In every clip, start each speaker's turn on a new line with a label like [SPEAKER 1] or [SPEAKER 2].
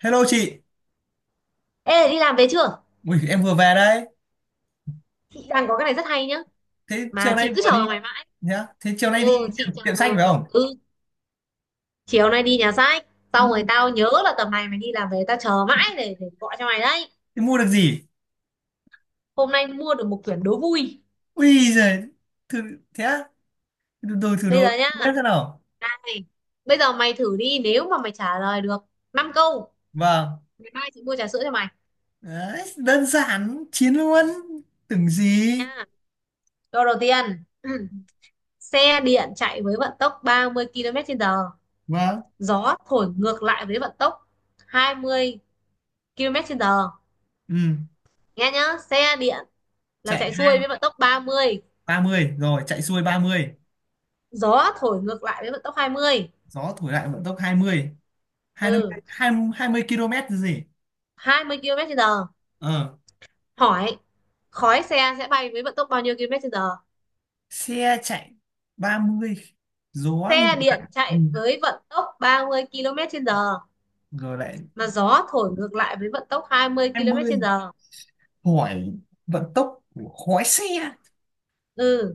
[SPEAKER 1] Hello chị.
[SPEAKER 2] Ê, đi làm về chưa?
[SPEAKER 1] Ui, em vừa về đấy.
[SPEAKER 2] Chị đang có cái này rất hay nhá.
[SPEAKER 1] Thế chiều
[SPEAKER 2] Mà
[SPEAKER 1] nay
[SPEAKER 2] chị cứ
[SPEAKER 1] vừa
[SPEAKER 2] chờ
[SPEAKER 1] đi
[SPEAKER 2] mày mãi.
[SPEAKER 1] nhá. Thế chiều
[SPEAKER 2] Ừ,
[SPEAKER 1] nay đi
[SPEAKER 2] chị
[SPEAKER 1] tiệm,
[SPEAKER 2] chờ.
[SPEAKER 1] tiệm sách phải không?
[SPEAKER 2] Ừ, chiều nay đi nhà sách. Xong
[SPEAKER 1] Mua,
[SPEAKER 2] rồi tao nhớ là tầm này mày đi làm về tao chờ mãi để gọi cho mày đấy.
[SPEAKER 1] Thế mua được gì?
[SPEAKER 2] Hôm nay mua được một quyển đố vui.
[SPEAKER 1] Ui giời, thử thế á? Đồ đồ- Thử
[SPEAKER 2] Bây giờ
[SPEAKER 1] đồ
[SPEAKER 2] nhá.
[SPEAKER 1] bếp thế nào?
[SPEAKER 2] Này. Bây giờ mày thử đi, nếu mà mày trả lời được năm câu,
[SPEAKER 1] Vâng.
[SPEAKER 2] ngày mai chị mua trà sữa cho mày.
[SPEAKER 1] Đấy, đơn giản chiến luôn. Tưởng gì?
[SPEAKER 2] Nha. Câu đầu tiên. Xe điện chạy với vận tốc 30 km trên giờ.
[SPEAKER 1] Vâng.
[SPEAKER 2] Gió thổi ngược lại với vận tốc 20 km trên giờ.
[SPEAKER 1] Ừ,
[SPEAKER 2] Nghe nhá. Xe điện là
[SPEAKER 1] chạy
[SPEAKER 2] chạy xuôi với vận tốc ba mươi,
[SPEAKER 1] ba mươi rồi, chạy xuôi 30.
[SPEAKER 2] gió thổi ngược lại với vận tốc 20,
[SPEAKER 1] Gió thổi lại vận tốc hai mươi
[SPEAKER 2] ừ,
[SPEAKER 1] 20 km chứ gì?
[SPEAKER 2] 20 km trên giờ,
[SPEAKER 1] Ờ,
[SPEAKER 2] hỏi khói xe sẽ bay với vận tốc bao nhiêu km trên giờ.
[SPEAKER 1] xe chạy 30, gió
[SPEAKER 2] Xe
[SPEAKER 1] ngược
[SPEAKER 2] điện
[SPEAKER 1] lại. Ừ.
[SPEAKER 2] chạy với vận tốc 30 km trên giờ
[SPEAKER 1] Rồi lại
[SPEAKER 2] mà gió thổi ngược lại với vận tốc
[SPEAKER 1] hai
[SPEAKER 2] 20 km
[SPEAKER 1] mươi,
[SPEAKER 2] trên giờ.
[SPEAKER 1] hỏi vận tốc của khói xe,
[SPEAKER 2] Ừ,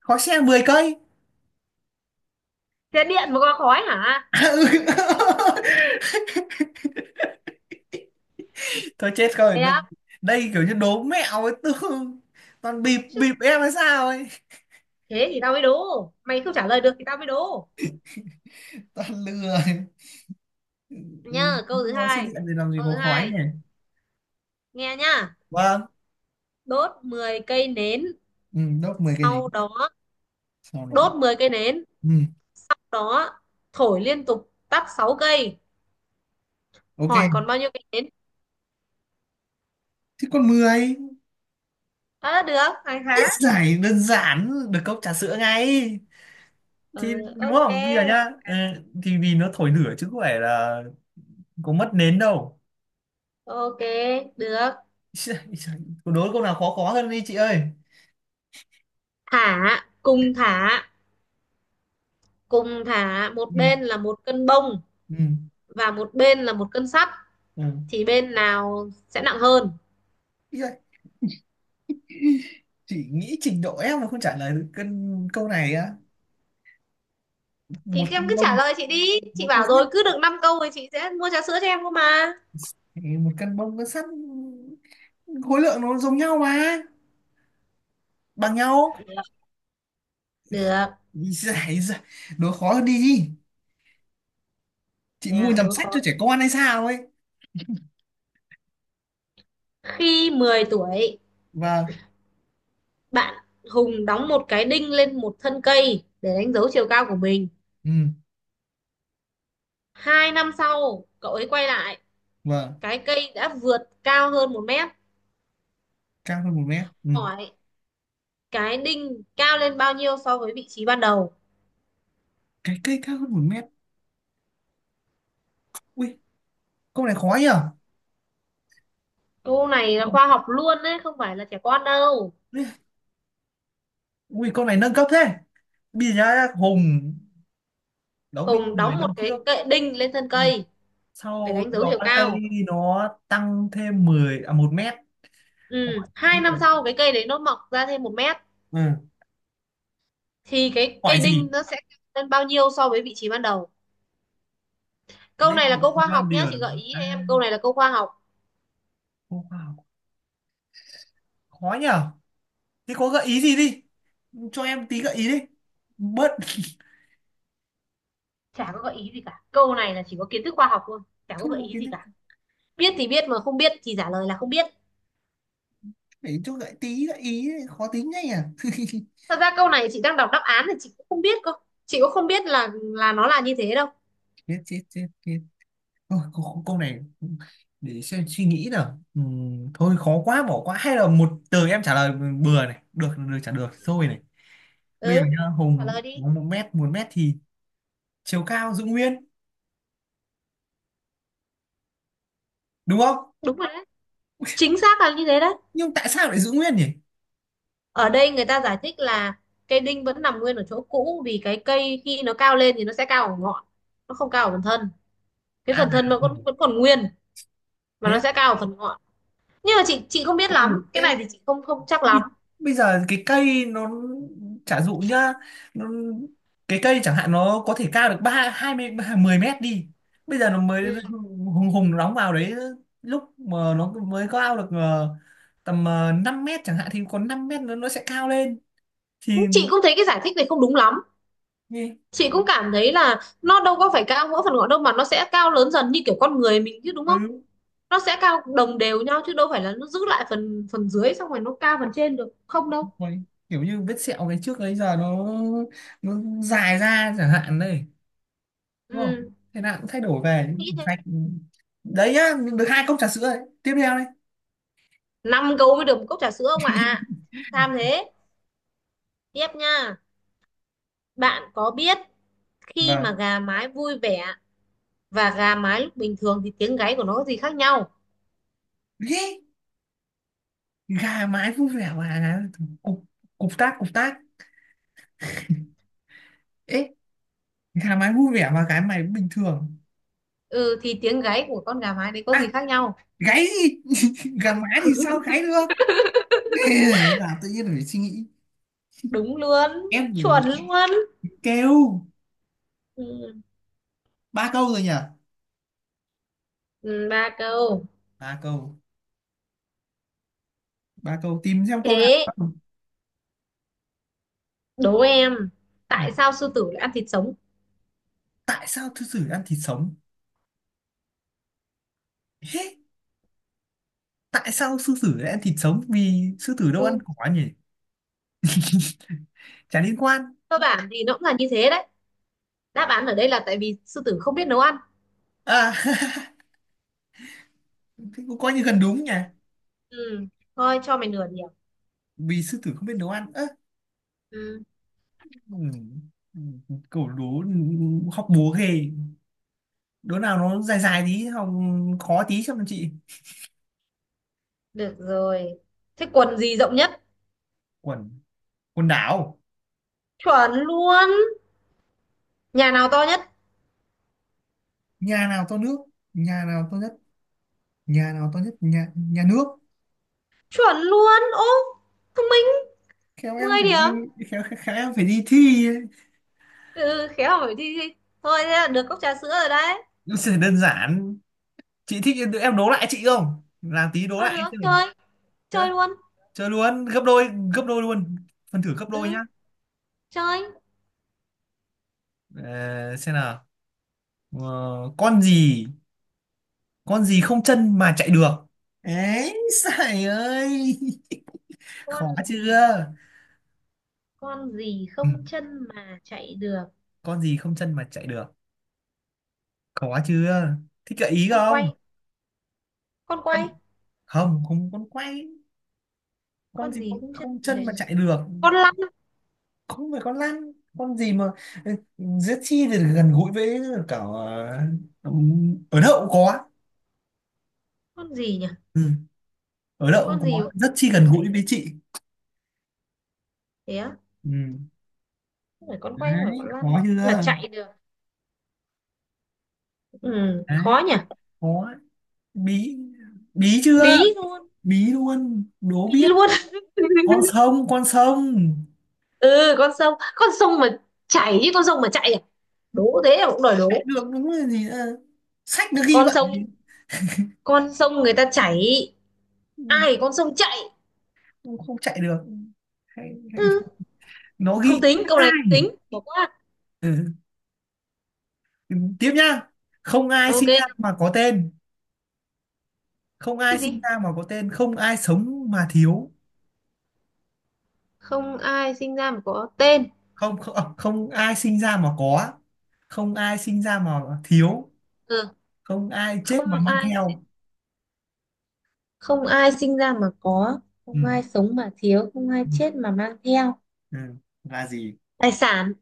[SPEAKER 1] khói xe 10 cây.
[SPEAKER 2] xe điện mà có khói hả?
[SPEAKER 1] À, ừ. Thôi chết rồi,
[SPEAKER 2] Đẹp.
[SPEAKER 1] đây kiểu như đố mẹo ấy, tương toàn bịp
[SPEAKER 2] Chứ,
[SPEAKER 1] bịp em hay sao ấy,
[SPEAKER 2] thế thì tao mới đố, mày không trả lời được thì tao mới đố
[SPEAKER 1] toàn lừa. Ừ,
[SPEAKER 2] nhá. Câu thứ
[SPEAKER 1] mua xe
[SPEAKER 2] hai.
[SPEAKER 1] điện thì làm gì
[SPEAKER 2] Câu thứ
[SPEAKER 1] có khói
[SPEAKER 2] hai,
[SPEAKER 1] nhỉ.
[SPEAKER 2] nghe nhá.
[SPEAKER 1] Vâng.
[SPEAKER 2] Đốt 10 cây nến,
[SPEAKER 1] Ừ, đốt 10 cây này,
[SPEAKER 2] sau đó
[SPEAKER 1] sau đó,
[SPEAKER 2] đốt 10 cây nến,
[SPEAKER 1] ừ,
[SPEAKER 2] sau đó thổi liên tục tắp 6 cây,
[SPEAKER 1] ok.
[SPEAKER 2] hỏi còn bao nhiêu cây đến.
[SPEAKER 1] Thì còn mười,
[SPEAKER 2] À, được hàng
[SPEAKER 1] ít
[SPEAKER 2] há.
[SPEAKER 1] giải đơn giản được cốc trà sữa ngay thì
[SPEAKER 2] Ừ,
[SPEAKER 1] đúng
[SPEAKER 2] ok.
[SPEAKER 1] không? Bây giờ nhá, ừ, thì vì nó thổi lửa chứ có phải là có mất nến đâu.
[SPEAKER 2] Ok, được.
[SPEAKER 1] Ý giời, đố câu nào khó khó hơn đi chị ơi.
[SPEAKER 2] Thả, cùng thả, cùng thả một
[SPEAKER 1] Ừ.
[SPEAKER 2] bên là một cân bông
[SPEAKER 1] Ừ.
[SPEAKER 2] và một bên là một cân sắt,
[SPEAKER 1] Ừ.
[SPEAKER 2] thì bên nào sẽ nặng hơn?
[SPEAKER 1] Ý giời, chị nghĩ trình độ em mà không trả lời được cân câu này á. Một
[SPEAKER 2] Thì em
[SPEAKER 1] cân
[SPEAKER 2] cứ trả
[SPEAKER 1] bông,
[SPEAKER 2] lời chị đi, chị
[SPEAKER 1] một cân
[SPEAKER 2] bảo
[SPEAKER 1] sắt
[SPEAKER 2] rồi cứ được 5 câu thì chị sẽ mua trà sữa cho em cơ mà.
[SPEAKER 1] thì một cân bông, cân sắt, khối lượng nó giống nhau mà, bằng nhau.
[SPEAKER 2] Được.
[SPEAKER 1] Ý giời, đố khó hơn đi, chị mua
[SPEAKER 2] Yeah,
[SPEAKER 1] nhầm
[SPEAKER 2] đố
[SPEAKER 1] sách cho
[SPEAKER 2] khó.
[SPEAKER 1] trẻ con hay sao ấy.
[SPEAKER 2] Khi 10 tuổi,
[SPEAKER 1] Vâng.
[SPEAKER 2] bạn Hùng đóng một cái đinh lên một thân cây để đánh dấu chiều cao của mình.
[SPEAKER 1] Ừ.
[SPEAKER 2] Hai năm sau, cậu ấy quay lại,
[SPEAKER 1] Vâng.
[SPEAKER 2] cái cây đã vượt cao hơn một mét.
[SPEAKER 1] Cao hơn một mét, ừ.
[SPEAKER 2] Hỏi cái đinh cao lên bao nhiêu so với vị trí ban đầu?
[SPEAKER 1] Cái cây cao hơn một mét. Ui câu này khó nhở.
[SPEAKER 2] Câu này là khoa học luôn đấy, không phải là trẻ con đâu.
[SPEAKER 1] Ui câu này nâng cấp thế. Bây giờ nhá, Hùng đóng đinh
[SPEAKER 2] Hùng
[SPEAKER 1] 10
[SPEAKER 2] đóng một
[SPEAKER 1] năm
[SPEAKER 2] cái
[SPEAKER 1] trước,
[SPEAKER 2] cây đinh lên thân
[SPEAKER 1] ừ.
[SPEAKER 2] cây để
[SPEAKER 1] Sau
[SPEAKER 2] đánh dấu
[SPEAKER 1] đó
[SPEAKER 2] chiều cao.
[SPEAKER 1] kali nó tăng thêm mười, à, 1 mét.
[SPEAKER 2] Ừ,
[SPEAKER 1] Hỏi,
[SPEAKER 2] hai năm sau cái cây đấy nó mọc ra thêm một mét,
[SPEAKER 1] ừ,
[SPEAKER 2] thì cái cây
[SPEAKER 1] hỏi
[SPEAKER 2] đinh
[SPEAKER 1] gì
[SPEAKER 2] nó sẽ cao lên bao nhiêu so với vị trí ban đầu? Câu này là
[SPEAKER 1] nên,
[SPEAKER 2] câu khoa
[SPEAKER 1] vâng
[SPEAKER 2] học nhá, chị gợi
[SPEAKER 1] điền
[SPEAKER 2] ý cho
[SPEAKER 1] à,
[SPEAKER 2] em câu này là câu khoa học.
[SPEAKER 1] wow, khó nhở. Thế có gợi ý gì đi, cho em tí gợi ý đi bớt.
[SPEAKER 2] Chả có gợi ý gì cả, câu này là chỉ có kiến thức khoa học thôi, chả có
[SPEAKER 1] Không có
[SPEAKER 2] gợi ý
[SPEAKER 1] kiến
[SPEAKER 2] gì
[SPEAKER 1] thức,
[SPEAKER 2] cả. Biết thì biết, mà không biết thì trả lời là không biết.
[SPEAKER 1] để cho gợi tí gợi ý đấy, khó tính ngay à.
[SPEAKER 2] Thật ra câu này chị đang đọc đáp án thì chị cũng không biết cơ, chị cũng không biết là nó là như thế đâu.
[SPEAKER 1] Chết chết chết chết. Ôi, câu này để xem suy nghĩ nào. Thôi khó quá bỏ qua, hay là một từ em trả lời bừa này, được được trả được thôi này. Bây giờ
[SPEAKER 2] Ừ,
[SPEAKER 1] nhá,
[SPEAKER 2] trả
[SPEAKER 1] Hùng
[SPEAKER 2] lời đi.
[SPEAKER 1] có một mét thì chiều cao giữ nguyên, đúng không?
[SPEAKER 2] Đúng rồi đấy, chính xác là như thế đấy.
[SPEAKER 1] Nhưng tại sao lại giữ nguyên nhỉ?
[SPEAKER 2] Ở đây người ta giải thích là cây đinh vẫn nằm nguyên ở chỗ cũ, vì cái cây khi nó cao lên thì nó sẽ cao ở ngọn, nó không cao ở phần thân, cái
[SPEAKER 1] À,
[SPEAKER 2] phần thân nó
[SPEAKER 1] ừ,
[SPEAKER 2] vẫn vẫn còn nguyên, mà
[SPEAKER 1] thế
[SPEAKER 2] nó
[SPEAKER 1] á?
[SPEAKER 2] sẽ cao ở phần ngọn. Nhưng mà chị không biết
[SPEAKER 1] Ừ,
[SPEAKER 2] lắm, cái
[SPEAKER 1] em
[SPEAKER 2] này thì chị không không chắc lắm.
[SPEAKER 1] bi- bây giờ cái cây nó, chả dụ nhá, nó, cái cây chẳng hạn nó có thể cao được hai mươi, mười mét đi, bây giờ nó mới
[SPEAKER 2] Ừ.
[SPEAKER 1] hùng hùng đóng vào đấy. Lúc mà nó mới cao được tầm, 5 mét chẳng hạn thì còn 5 mét nó sẽ cao lên thì,
[SPEAKER 2] Chị cũng thấy cái giải thích này không đúng lắm, chị cũng cảm thấy là nó đâu có phải cao mỗi phần ngọn đâu, mà nó sẽ cao lớn dần như kiểu con người mình chứ, đúng không?
[SPEAKER 1] ừ.
[SPEAKER 2] Nó sẽ cao đồng đều nhau chứ đâu phải là nó giữ lại phần phần dưới xong rồi nó cao phần trên được không đâu.
[SPEAKER 1] Ôi, kiểu như vết sẹo ngày trước ấy, giờ nó dài ra chẳng hạn đây, đúng không?
[SPEAKER 2] Ừ,
[SPEAKER 1] Thế nào cũng thay đổi về
[SPEAKER 2] cũng nghĩ thế.
[SPEAKER 1] sạch. Đấy nhá, được hai cốc trà sữa đấy, tiếp theo đấy.
[SPEAKER 2] Năm câu mới được một cốc trà sữa ông ạ, tham thế. Tiếp nha. Bạn có biết khi mà
[SPEAKER 1] Vâng.
[SPEAKER 2] gà mái vui vẻ và gà mái lúc bình thường thì tiếng gáy của nó có gì khác nhau?
[SPEAKER 1] Ê, gà mái vui vẻ mà cục cục tác ấy, gà mái vui vẻ mà cái mày bình thường.
[SPEAKER 2] Ừ, thì tiếng gáy của con gà mái đấy có gì
[SPEAKER 1] À,
[SPEAKER 2] khác nhau?
[SPEAKER 1] gáy gì. Gà mái thì sao gáy được. Ê, là tự nhiên phải suy nghĩ.
[SPEAKER 2] Đúng luôn.
[SPEAKER 1] Em
[SPEAKER 2] Chuẩn
[SPEAKER 1] thì
[SPEAKER 2] luôn.
[SPEAKER 1] kêu.
[SPEAKER 2] Ừ.
[SPEAKER 1] Ba câu rồi nhỉ?
[SPEAKER 2] Ừ, ba câu.
[SPEAKER 1] Ba câu, ba câu tìm xem câu
[SPEAKER 2] Thế,
[SPEAKER 1] nào.
[SPEAKER 2] đố em,
[SPEAKER 1] Ừ.
[SPEAKER 2] tại sao sư tử lại ăn thịt sống?
[SPEAKER 1] Tại sao sư tử ăn thịt sống? Hế? Tại sao sư tử lại ăn thịt sống, vì sư tử đâu ăn
[SPEAKER 2] Ừ,
[SPEAKER 1] cỏ nhỉ. Chả liên quan.
[SPEAKER 2] cơ bản thì nó cũng là như thế đấy. Đáp án ở đây là tại vì sư tử không biết nấu ăn.
[SPEAKER 1] À. Thế cũng coi như gần đúng nhỉ.
[SPEAKER 2] Ừ, thôi cho mày nửa điểm.
[SPEAKER 1] Vì sư tử không biết nấu ăn, ơ,
[SPEAKER 2] Ừ,
[SPEAKER 1] ừ, ừ, cẩu đố học búa ghê. Đố nào nó dài dài tí học, khó tí cho chị.
[SPEAKER 2] được rồi. Thế quần gì rộng nhất?
[SPEAKER 1] Quần Quần đảo.
[SPEAKER 2] Chuẩn luôn. Nhà nào to nhất?
[SPEAKER 1] nhà nào to nước Nhà nào to nhất, nhà nào to nhất, nhà nhà nước.
[SPEAKER 2] Chuẩn luôn. Ô, thông minh,
[SPEAKER 1] Khéo em
[SPEAKER 2] 10
[SPEAKER 1] phải đi,
[SPEAKER 2] điểm.
[SPEAKER 1] khéo khéo em phải đi thi ấy.
[SPEAKER 2] Ừ, khéo hỏi thi. Thi. Thôi thế là được cốc trà sữa rồi đấy.
[SPEAKER 1] Nó sẽ đơn giản, chị thích em đố lại chị không, làm tí đố
[SPEAKER 2] Ờ
[SPEAKER 1] lại em xem
[SPEAKER 2] được,
[SPEAKER 1] nào.
[SPEAKER 2] chơi,
[SPEAKER 1] Nhá,
[SPEAKER 2] chơi luôn.
[SPEAKER 1] chơi luôn gấp đôi, gấp đôi luôn, phần thử gấp đôi nhá.
[SPEAKER 2] Ừ, chơi.
[SPEAKER 1] Ờ, xem nào. Ờ, con gì, không chân mà chạy được ấy, sải ơi.
[SPEAKER 2] Con
[SPEAKER 1] Khó
[SPEAKER 2] gì,
[SPEAKER 1] chưa?
[SPEAKER 2] con gì
[SPEAKER 1] Ừ.
[SPEAKER 2] không chân mà chạy được?
[SPEAKER 1] Con gì không chân mà chạy được, khó chưa, thích gợi ý
[SPEAKER 2] Con
[SPEAKER 1] không?
[SPEAKER 2] quay, con
[SPEAKER 1] con
[SPEAKER 2] quay.
[SPEAKER 1] Không không, con quay. Con
[SPEAKER 2] Con
[SPEAKER 1] gì
[SPEAKER 2] gì cũng chân
[SPEAKER 1] không
[SPEAKER 2] mà
[SPEAKER 1] chân
[SPEAKER 2] chạy,
[SPEAKER 1] mà chạy được,
[SPEAKER 2] con lăn.
[SPEAKER 1] không phải con lăn. Con gì mà rất chi thì gần gũi với cả, ờ, ở đậu cũng có.
[SPEAKER 2] Con gì nhỉ?
[SPEAKER 1] Ừ. Ở đậu
[SPEAKER 2] Con
[SPEAKER 1] cũng
[SPEAKER 2] gì
[SPEAKER 1] có,
[SPEAKER 2] cũng
[SPEAKER 1] rất chi
[SPEAKER 2] chân mà
[SPEAKER 1] gần
[SPEAKER 2] chạy?
[SPEAKER 1] gũi với chị.
[SPEAKER 2] Thế á?
[SPEAKER 1] Ừ.
[SPEAKER 2] Không phải con quay, không phải
[SPEAKER 1] Đấy
[SPEAKER 2] con lăn,
[SPEAKER 1] khó chưa.
[SPEAKER 2] là chạy được. Ừ,
[SPEAKER 1] Đấy
[SPEAKER 2] khó nhỉ.
[SPEAKER 1] khó, bí bí chưa,
[SPEAKER 2] Bí luôn.
[SPEAKER 1] bí luôn đố
[SPEAKER 2] Bí
[SPEAKER 1] biết.
[SPEAKER 2] luôn.
[SPEAKER 1] Con sông, con sông
[SPEAKER 2] Ừ, con sông, con sông mà chảy chứ, con sông mà chạy à? Đố thế là cũng đòi
[SPEAKER 1] chạy
[SPEAKER 2] đố.
[SPEAKER 1] được đúng là gì nữa. Sách nó ghi
[SPEAKER 2] Con
[SPEAKER 1] vậy.
[SPEAKER 2] sông, con sông người ta chảy,
[SPEAKER 1] Ừ,
[SPEAKER 2] ai con sông chạy.
[SPEAKER 1] không không chạy được, hay, hay.
[SPEAKER 2] Ừ,
[SPEAKER 1] Nó ghi
[SPEAKER 2] không tính
[SPEAKER 1] sách
[SPEAKER 2] câu
[SPEAKER 1] hai.
[SPEAKER 2] này, không tính, bỏ qua.
[SPEAKER 1] Ừ. Tiếp nhá, không ai
[SPEAKER 2] Ok.
[SPEAKER 1] sinh ra mà có tên không ai
[SPEAKER 2] Cái
[SPEAKER 1] sinh
[SPEAKER 2] gì
[SPEAKER 1] ra mà có tên, không ai sống mà thiếu,
[SPEAKER 2] không ai sinh ra mà có tên?
[SPEAKER 1] không không à, không ai sinh ra mà có không ai sinh ra mà thiếu
[SPEAKER 2] Ừ,
[SPEAKER 1] không ai chết mà
[SPEAKER 2] không
[SPEAKER 1] mang
[SPEAKER 2] ai,
[SPEAKER 1] theo
[SPEAKER 2] không ai sinh ra mà có,
[SPEAKER 1] ừ.
[SPEAKER 2] không ai sống mà thiếu, không ai
[SPEAKER 1] Ừ.
[SPEAKER 2] chết mà mang theo.
[SPEAKER 1] ừ. là gì
[SPEAKER 2] Tài sản.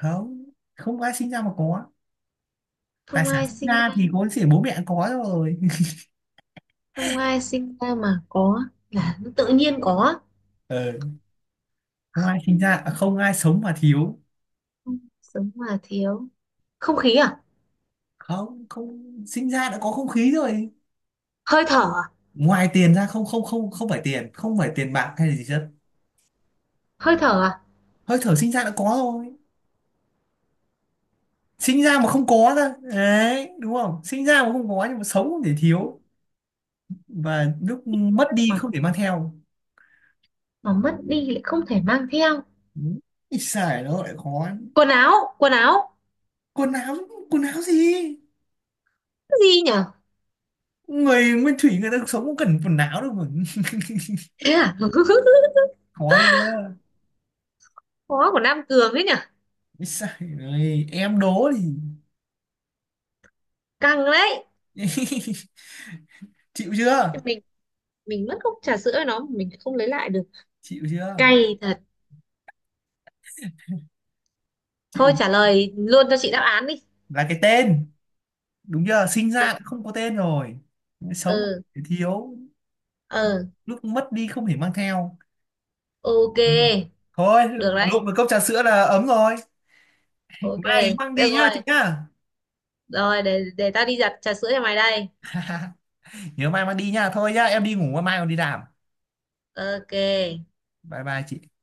[SPEAKER 1] không không ai sinh ra mà có tài
[SPEAKER 2] Không
[SPEAKER 1] sản
[SPEAKER 2] ai
[SPEAKER 1] sinh
[SPEAKER 2] sinh
[SPEAKER 1] ra
[SPEAKER 2] ra,
[SPEAKER 1] thì có chỉ bố mẹ có rồi
[SPEAKER 2] không ai sinh ra mà có
[SPEAKER 1] ừ.
[SPEAKER 2] là nó tự nhiên có.
[SPEAKER 1] Ờ, không ai sinh
[SPEAKER 2] Không,
[SPEAKER 1] ra à, không ai sống mà thiếu
[SPEAKER 2] không sống mà thiếu, không khí à?
[SPEAKER 1] không không sinh ra đã có không khí rồi
[SPEAKER 2] Hơi thở à?
[SPEAKER 1] ngoài tiền ra không không không không phải tiền, không phải tiền bạc hay là gì hết.
[SPEAKER 2] Hơi thở à?
[SPEAKER 1] Hơi thở sinh ra đã có rồi. Sinh ra mà không có ra đấy, đúng không, sinh ra mà không có nhưng mà sống không thể thiếu, và lúc mất đi
[SPEAKER 2] mà
[SPEAKER 1] không thể mang theo.
[SPEAKER 2] mà mất đi lại không thể mang theo.
[SPEAKER 1] Ít xài nó lại khó.
[SPEAKER 2] Quần áo, quần áo.
[SPEAKER 1] Quần áo. Quần áo gì?
[SPEAKER 2] Cái gì nhở?
[SPEAKER 1] Người nguyên thủy người ta sống cũng cần quần áo đâu mà.
[SPEAKER 2] Thế à?
[SPEAKER 1] Khó chưa?
[SPEAKER 2] Khó của Nam Cường đấy nhở.
[SPEAKER 1] Ít xài. Rồi em đố thì.
[SPEAKER 2] Căng đấy.
[SPEAKER 1] Chịu chưa?
[SPEAKER 2] mình mình mất cốc trà sữa với nó mà mình không lấy lại được.
[SPEAKER 1] Chịu chưa?
[SPEAKER 2] Cay thật.
[SPEAKER 1] Chịu
[SPEAKER 2] Thôi trả
[SPEAKER 1] chưa?
[SPEAKER 2] lời luôn cho chị đáp án đi.
[SPEAKER 1] Là cái tên, đúng chưa, sinh ra đã không có tên rồi, sống
[SPEAKER 2] Ừ.
[SPEAKER 1] không thiếu,
[SPEAKER 2] Ừ.
[SPEAKER 1] lúc mất đi không thể mang theo.
[SPEAKER 2] Ok,
[SPEAKER 1] Ừ. Thôi,
[SPEAKER 2] được đấy.
[SPEAKER 1] lụm được cốc trà sữa là ấm rồi,
[SPEAKER 2] Ok,
[SPEAKER 1] mai nhớ mang đi
[SPEAKER 2] được
[SPEAKER 1] nhá chị
[SPEAKER 2] rồi.
[SPEAKER 1] nhá.
[SPEAKER 2] Rồi để tao đi giặt trà sữa cho mày đây.
[SPEAKER 1] Nhớ mai mang đi nhá, thôi nhá em đi ngủ, mai còn đi làm.
[SPEAKER 2] Ok.
[SPEAKER 1] Bye bye chị.